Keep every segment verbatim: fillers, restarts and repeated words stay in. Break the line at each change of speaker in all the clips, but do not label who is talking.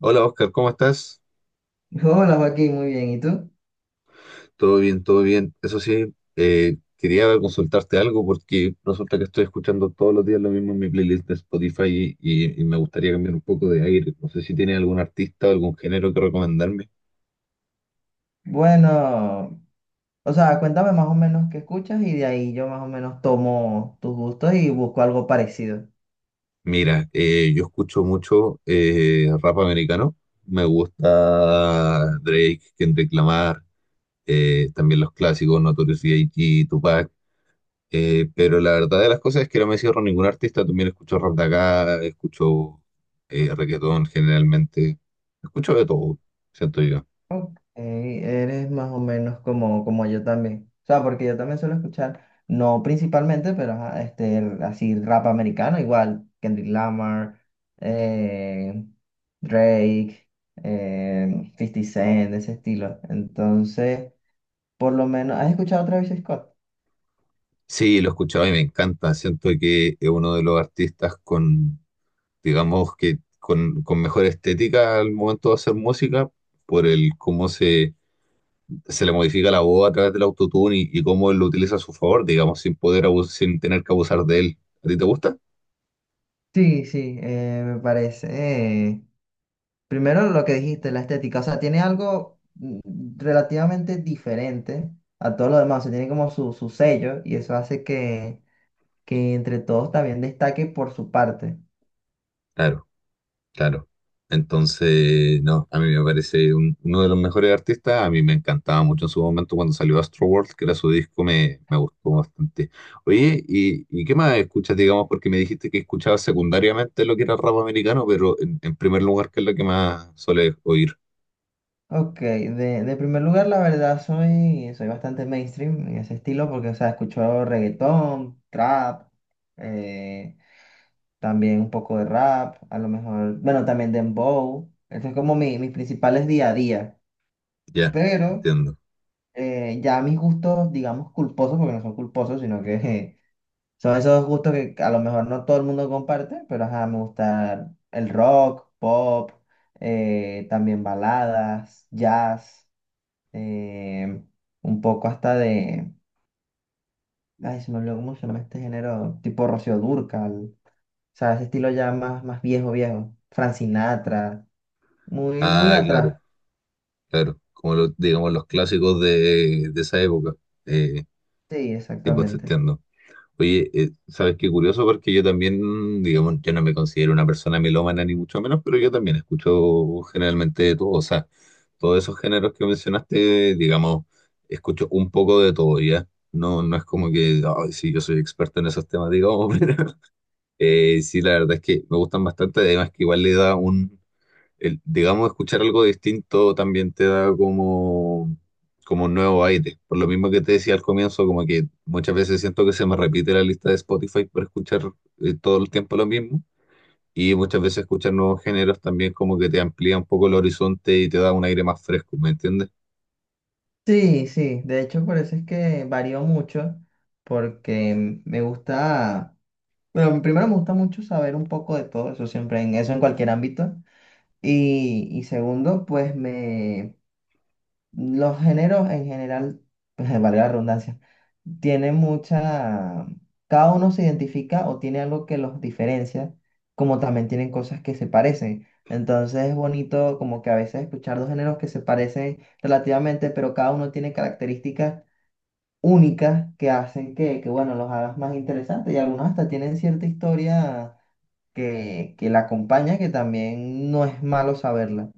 Hola Oscar, ¿cómo estás?
Hola Joaquín, muy bien. ¿Y tú?
Todo bien, todo bien. Eso sí, eh, quería consultarte algo porque resulta que estoy escuchando todos los días lo mismo en mi playlist de Spotify y, y me gustaría cambiar un poco de aire. No sé si tienes algún artista o algún género que recomendarme.
Bueno, o sea, cuéntame más o menos qué escuchas y de ahí yo más o menos tomo tus gustos y busco algo parecido.
Mira, eh, yo escucho mucho eh, rap americano. Me gusta Drake, Kendrick Lamar, eh, también los clásicos Notorious B I G, Tupac. Eh, pero la verdad de las cosas es que no me cierro a ningún artista. También escucho rap de acá, escucho eh, reggaetón generalmente. Escucho de todo, siento yo.
Ok, eres más o menos como, como yo también. O sea, porque yo también suelo escuchar, no principalmente, pero ajá, este, el- así rap americano, igual, Kendrick Lamar, eh, Drake, eh, cincuenta Cent, de ese estilo. Entonces, por lo menos, ¿has escuchado a Travis Scott?
Sí, lo he escuchado y me encanta. Siento que es uno de los artistas con, digamos que con, con mejor estética al momento de hacer música, por el cómo se, se le modifica la voz a través del autotune y, y cómo él lo utiliza a su favor, digamos, sin poder abus- sin tener que abusar de él. ¿A ti te gusta?
Sí, sí, eh, me parece. Eh, primero lo que dijiste, la estética, o sea, tiene algo mm, relativamente diferente a todo lo demás, o sea, tiene como su, su sello y eso hace que, que entre todos también destaque por su parte.
Claro. Claro. Entonces, no, a mí me parece un- uno de los mejores artistas. A mí me encantaba mucho en su momento cuando salió Astroworld, que era su disco, me, me gustó bastante. Oye, ¿y, y qué más escuchas, digamos? Porque me dijiste que escuchabas secundariamente lo que era rap americano, pero en, en primer lugar, ¿qué es lo que más sueles oír?
Ok, de, de primer lugar, la verdad, soy, soy bastante mainstream en ese estilo porque, o sea, escucho reggaetón, trap, eh, también un poco de rap, a lo mejor, bueno, también dembow. Eso es como mi, mis principales día a día.
Ya,
Pero
entiendo.
eh, ya mis gustos, digamos, culposos, porque no son culposos, sino que eh, son esos gustos que a lo mejor no todo el mundo comparte, pero ajá, me gusta el rock, pop, eh, también baladas, jazz, eh, un poco hasta de, ay, se me olvidó cómo se llama este género, tipo Rocío Dúrcal, o sea, ese estilo ya más, más viejo, viejo, Frank Sinatra, muy, muy
Ah, claro,
atrás,
claro. Como los, digamos, los clásicos de, de esa época. Eh,
sí,
sí, pues te
exactamente.
entiendo. Oye, eh, ¿sabes qué curioso? Porque yo también, digamos, yo no me considero una persona melómana ni mucho menos, pero yo también escucho generalmente de todo, o sea, todos esos géneros que mencionaste, digamos, escucho un poco de todo, ¿ya? No, no es como que, ay, sí, yo soy experto en esos temas, digamos, pero eh, sí, la verdad es que me gustan bastante, además que igual le da un, el- digamos, escuchar algo distinto también te da como, como un nuevo aire. Por lo mismo que te decía al comienzo, como que muchas veces siento que se me repite la lista de Spotify por escuchar eh, todo el tiempo lo mismo. Y muchas veces escuchar nuevos géneros también como que te amplía un poco el horizonte y te da un aire más fresco, ¿me entiendes?
Sí, sí, de hecho por eso es que varío mucho, porque me gusta, bueno, primero me gusta mucho saber un poco de todo eso, siempre en eso, en cualquier ámbito, y, y segundo, pues me, los géneros en general, valga la redundancia, tienen mucha, cada uno se identifica o tiene algo que los diferencia, como también tienen cosas que se parecen, entonces es bonito como que a veces escuchar dos géneros que se parecen relativamente, pero cada uno tiene características únicas que hacen que, que, bueno, los hagas más interesantes y algunos hasta tienen cierta historia que, que la acompaña, que también no es malo saberla.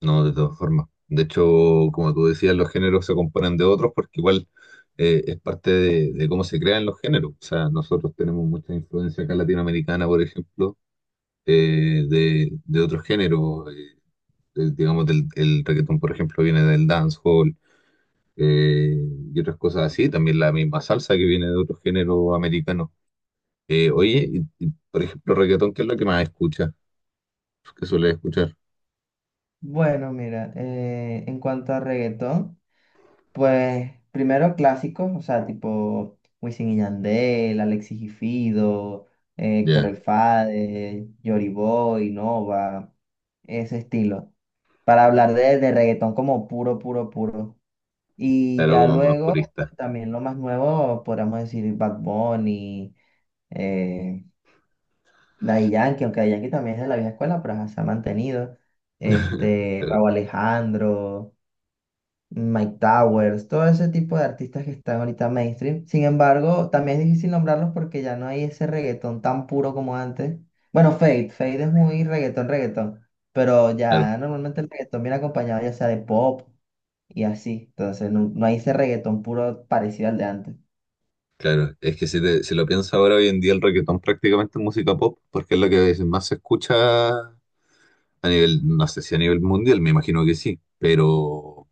No, de todas formas. De hecho, como tú decías, los géneros se componen de otros porque igual eh, es parte de, de cómo se crean los géneros. O sea, nosotros tenemos mucha influencia acá latinoamericana, por ejemplo, eh, de, de otros géneros. Eh, eh, digamos, del, el reggaetón, por ejemplo, viene del dancehall eh, y otras cosas así. También la misma salsa que viene de otros géneros americanos. Eh, oye, y- y, por ejemplo, reggaetón, ¿qué es lo que más escuchas? ¿Qué sueles escuchar?
Bueno, mira, eh, en cuanto a reggaetón, pues primero clásicos, o sea, tipo Wisin y Yandel, Alexis y Fido, eh, Héctor El
Ya,
Fade, Yoriboy, Nova, ese estilo. Para hablar de, de reggaetón como puro, puro, puro. Y
claro,
ya
como más
luego,
purista.
pues también lo más nuevo, podríamos decir Bad Bunny, eh, Daddy Yankee, aunque Daddy Yankee también es de la vieja escuela, pero ajá, se ha mantenido. Este,
Claro,
Rauw Alejandro, Mike Towers, todo ese tipo de artistas que están ahorita mainstream. Sin embargo, también es difícil nombrarlos porque ya no hay ese reggaetón tan puro como antes. Bueno, Fade, Fade es muy reggaetón, reggaetón, pero
claro,
ya normalmente el reggaetón viene acompañado ya sea de pop y así. Entonces no, no hay ese reggaetón puro parecido al de antes.
claro. Es que si, te- si lo piensas ahora, hoy en día el reggaetón prácticamente es música pop, porque es la que más se escucha a nivel, no sé si a nivel mundial, me imagino que sí, pero.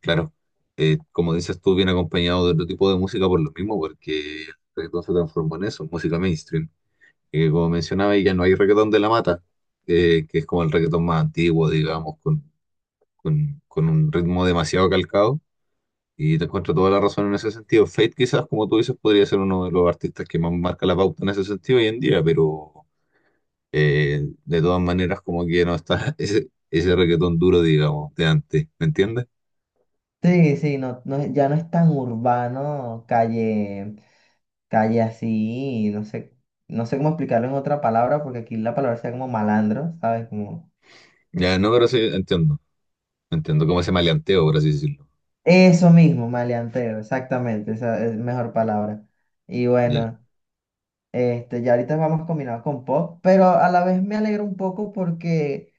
Claro, eh, como dices tú, viene acompañado de otro tipo de música por lo mismo, porque el reggaetón se transformó en eso, música mainstream. Eh, como mencionaba, ya no hay reggaetón de la mata, eh, que es como el reggaetón más antiguo, digamos, con, con, con un ritmo demasiado calcado, y te encuentro toda la razón en ese sentido. Fate quizás, como tú dices, podría ser uno de los artistas que más marca la pauta en ese sentido hoy en día, pero eh, de todas maneras como que no está ese, ese reggaetón duro, digamos, de antes, ¿me entiendes?
Sí, sí, no, no, es- ya no es tan urbano, calle, calle así, no sé, no sé cómo explicarlo en otra palabra, porque aquí la palabra sea como malandro, ¿sabes? Como
Ya, no, pero sí, entiendo. No entiendo cómo ese maleanteo, por así decirlo.
eso mismo, maleanteo, exactamente, esa es mejor palabra. Y
Ya,
bueno, este, ya ahorita vamos combinados con pop, pero a la vez me alegro un poco porque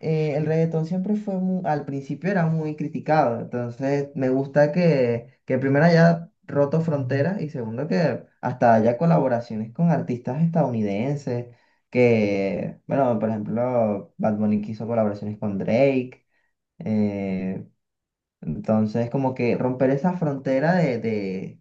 eh, el reggaetón siempre fue mu- al principio era muy criticado, entonces me gusta que, que primero haya roto fronteras y segundo que hasta haya colaboraciones con artistas estadounidenses, que, bueno, por ejemplo, Bad Bunny hizo colaboraciones con Drake, eh, entonces como que romper esa frontera de, de,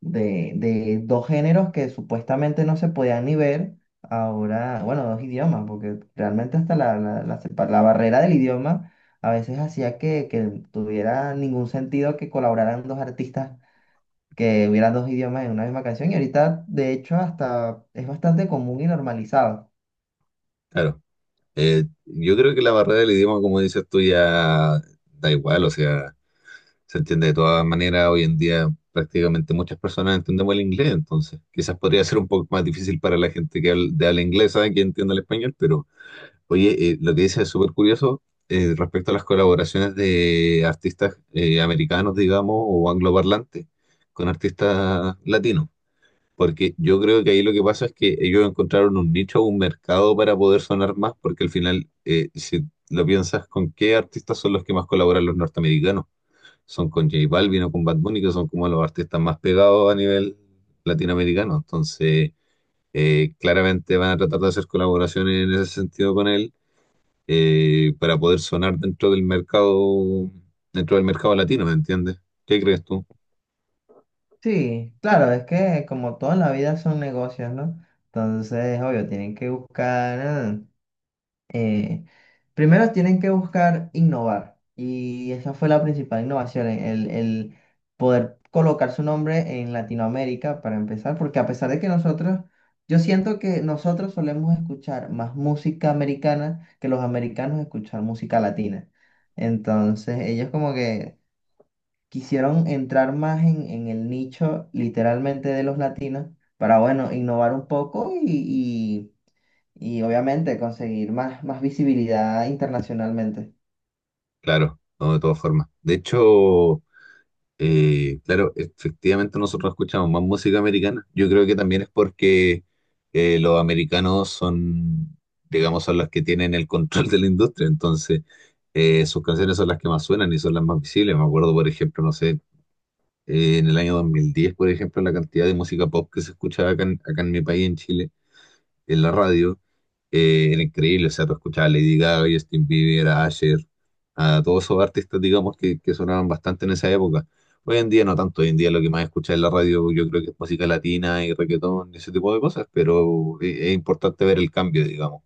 de, de dos géneros que supuestamente no se podían ni ver, ahora, bueno, dos idiomas, porque realmente hasta la, la, la sepa- la barrera del idioma a veces hacía que, que tuviera ningún sentido que colaboraran dos artistas que hubieran dos idiomas en una misma canción y ahorita de hecho hasta es bastante común y normalizado.
claro. Eh, yo creo que la barrera del idioma, como dices tú, ya da igual, o sea, se entiende de todas maneras. Hoy en día prácticamente muchas personas entendemos el inglés, entonces quizás podría ser un poco más difícil para la gente que habla, de habla inglesa, que entienda el español, pero oye, eh, lo que dices es súper curioso eh, respecto a las colaboraciones de artistas eh, americanos, digamos, o angloparlantes con artistas latinos. Porque yo creo que ahí lo que pasa es que ellos encontraron un nicho, un mercado para poder sonar más, porque al final, eh, si lo piensas, ¿con qué artistas son los que más colaboran los norteamericanos? Son con J Balvin o con Bad Bunny, que son como los artistas más pegados a nivel latinoamericano. Entonces, eh, claramente van a tratar de hacer colaboraciones en ese sentido con él eh, para poder sonar dentro del mercado, dentro del mercado latino, ¿me entiendes? ¿Qué crees tú?
Sí, claro, es que como toda la vida son negocios, ¿no? Entonces, obvio, tienen que buscar... ah, eh, primero tienen que buscar innovar y esa fue la principal innovación, e, el, el poder colocar su nombre en Latinoamérica para empezar, porque a pesar de que nosotros, yo siento que nosotros solemos escuchar más música americana que los americanos escuchar música latina. Entonces ellos como que quisieron entrar más en, en el nicho literalmente de los latinos para, bueno, innovar un poco y y obviamente conseguir más, más visibilidad internacionalmente.
Claro, no, de todas formas. De hecho... Eh, claro, efectivamente nosotros escuchamos más música americana. Yo creo que también es porque eh, los americanos son, digamos, son los que tienen el control de la industria, entonces eh, sus canciones son las que más suenan y son las más visibles. Me acuerdo, por ejemplo, no sé, eh, en el año dos mil diez, por ejemplo, la cantidad de música pop que se escuchaba acá en, acá en mi país, en Chile en la radio, eh, era increíble. O sea, tú escuchabas a Lady Gaga, Justin Bieber, a Asher, a todos esos artistas, digamos, que, que sonaban bastante en esa época. Hoy en día no tanto, hoy en día lo que más escuchas en la radio yo creo que es música latina y reggaetón y ese tipo de cosas, pero e- es importante ver el cambio, digamos.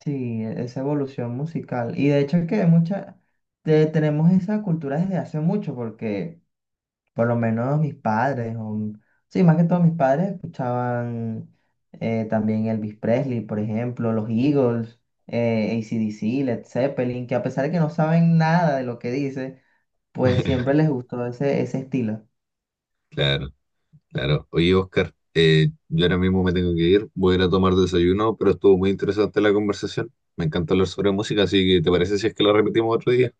Sí, e- esa evolución musical. Y de hecho es que mucha, te- tenemos esa cultura desde hace mucho, porque por lo menos mis padres, o, sí, más que todo mis padres escuchaban eh, también Elvis Presley, por ejemplo, los Eagles, eh, A C/D C, Led Zeppelin, que a pesar de que no saben nada de lo que dice, pues siempre les gustó ese, ese estilo.
Claro, claro. Oye, Oscar, eh, yo ahora mismo me tengo que ir, voy a ir a tomar desayuno, pero estuvo muy interesante la conversación. Me encanta hablar sobre música, así que ¿te parece si es que la repetimos otro día?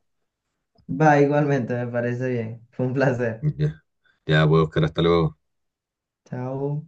Va, igualmente, me parece bien. Fue un placer.
Ya, ya, pues Oscar, hasta luego.
Chao.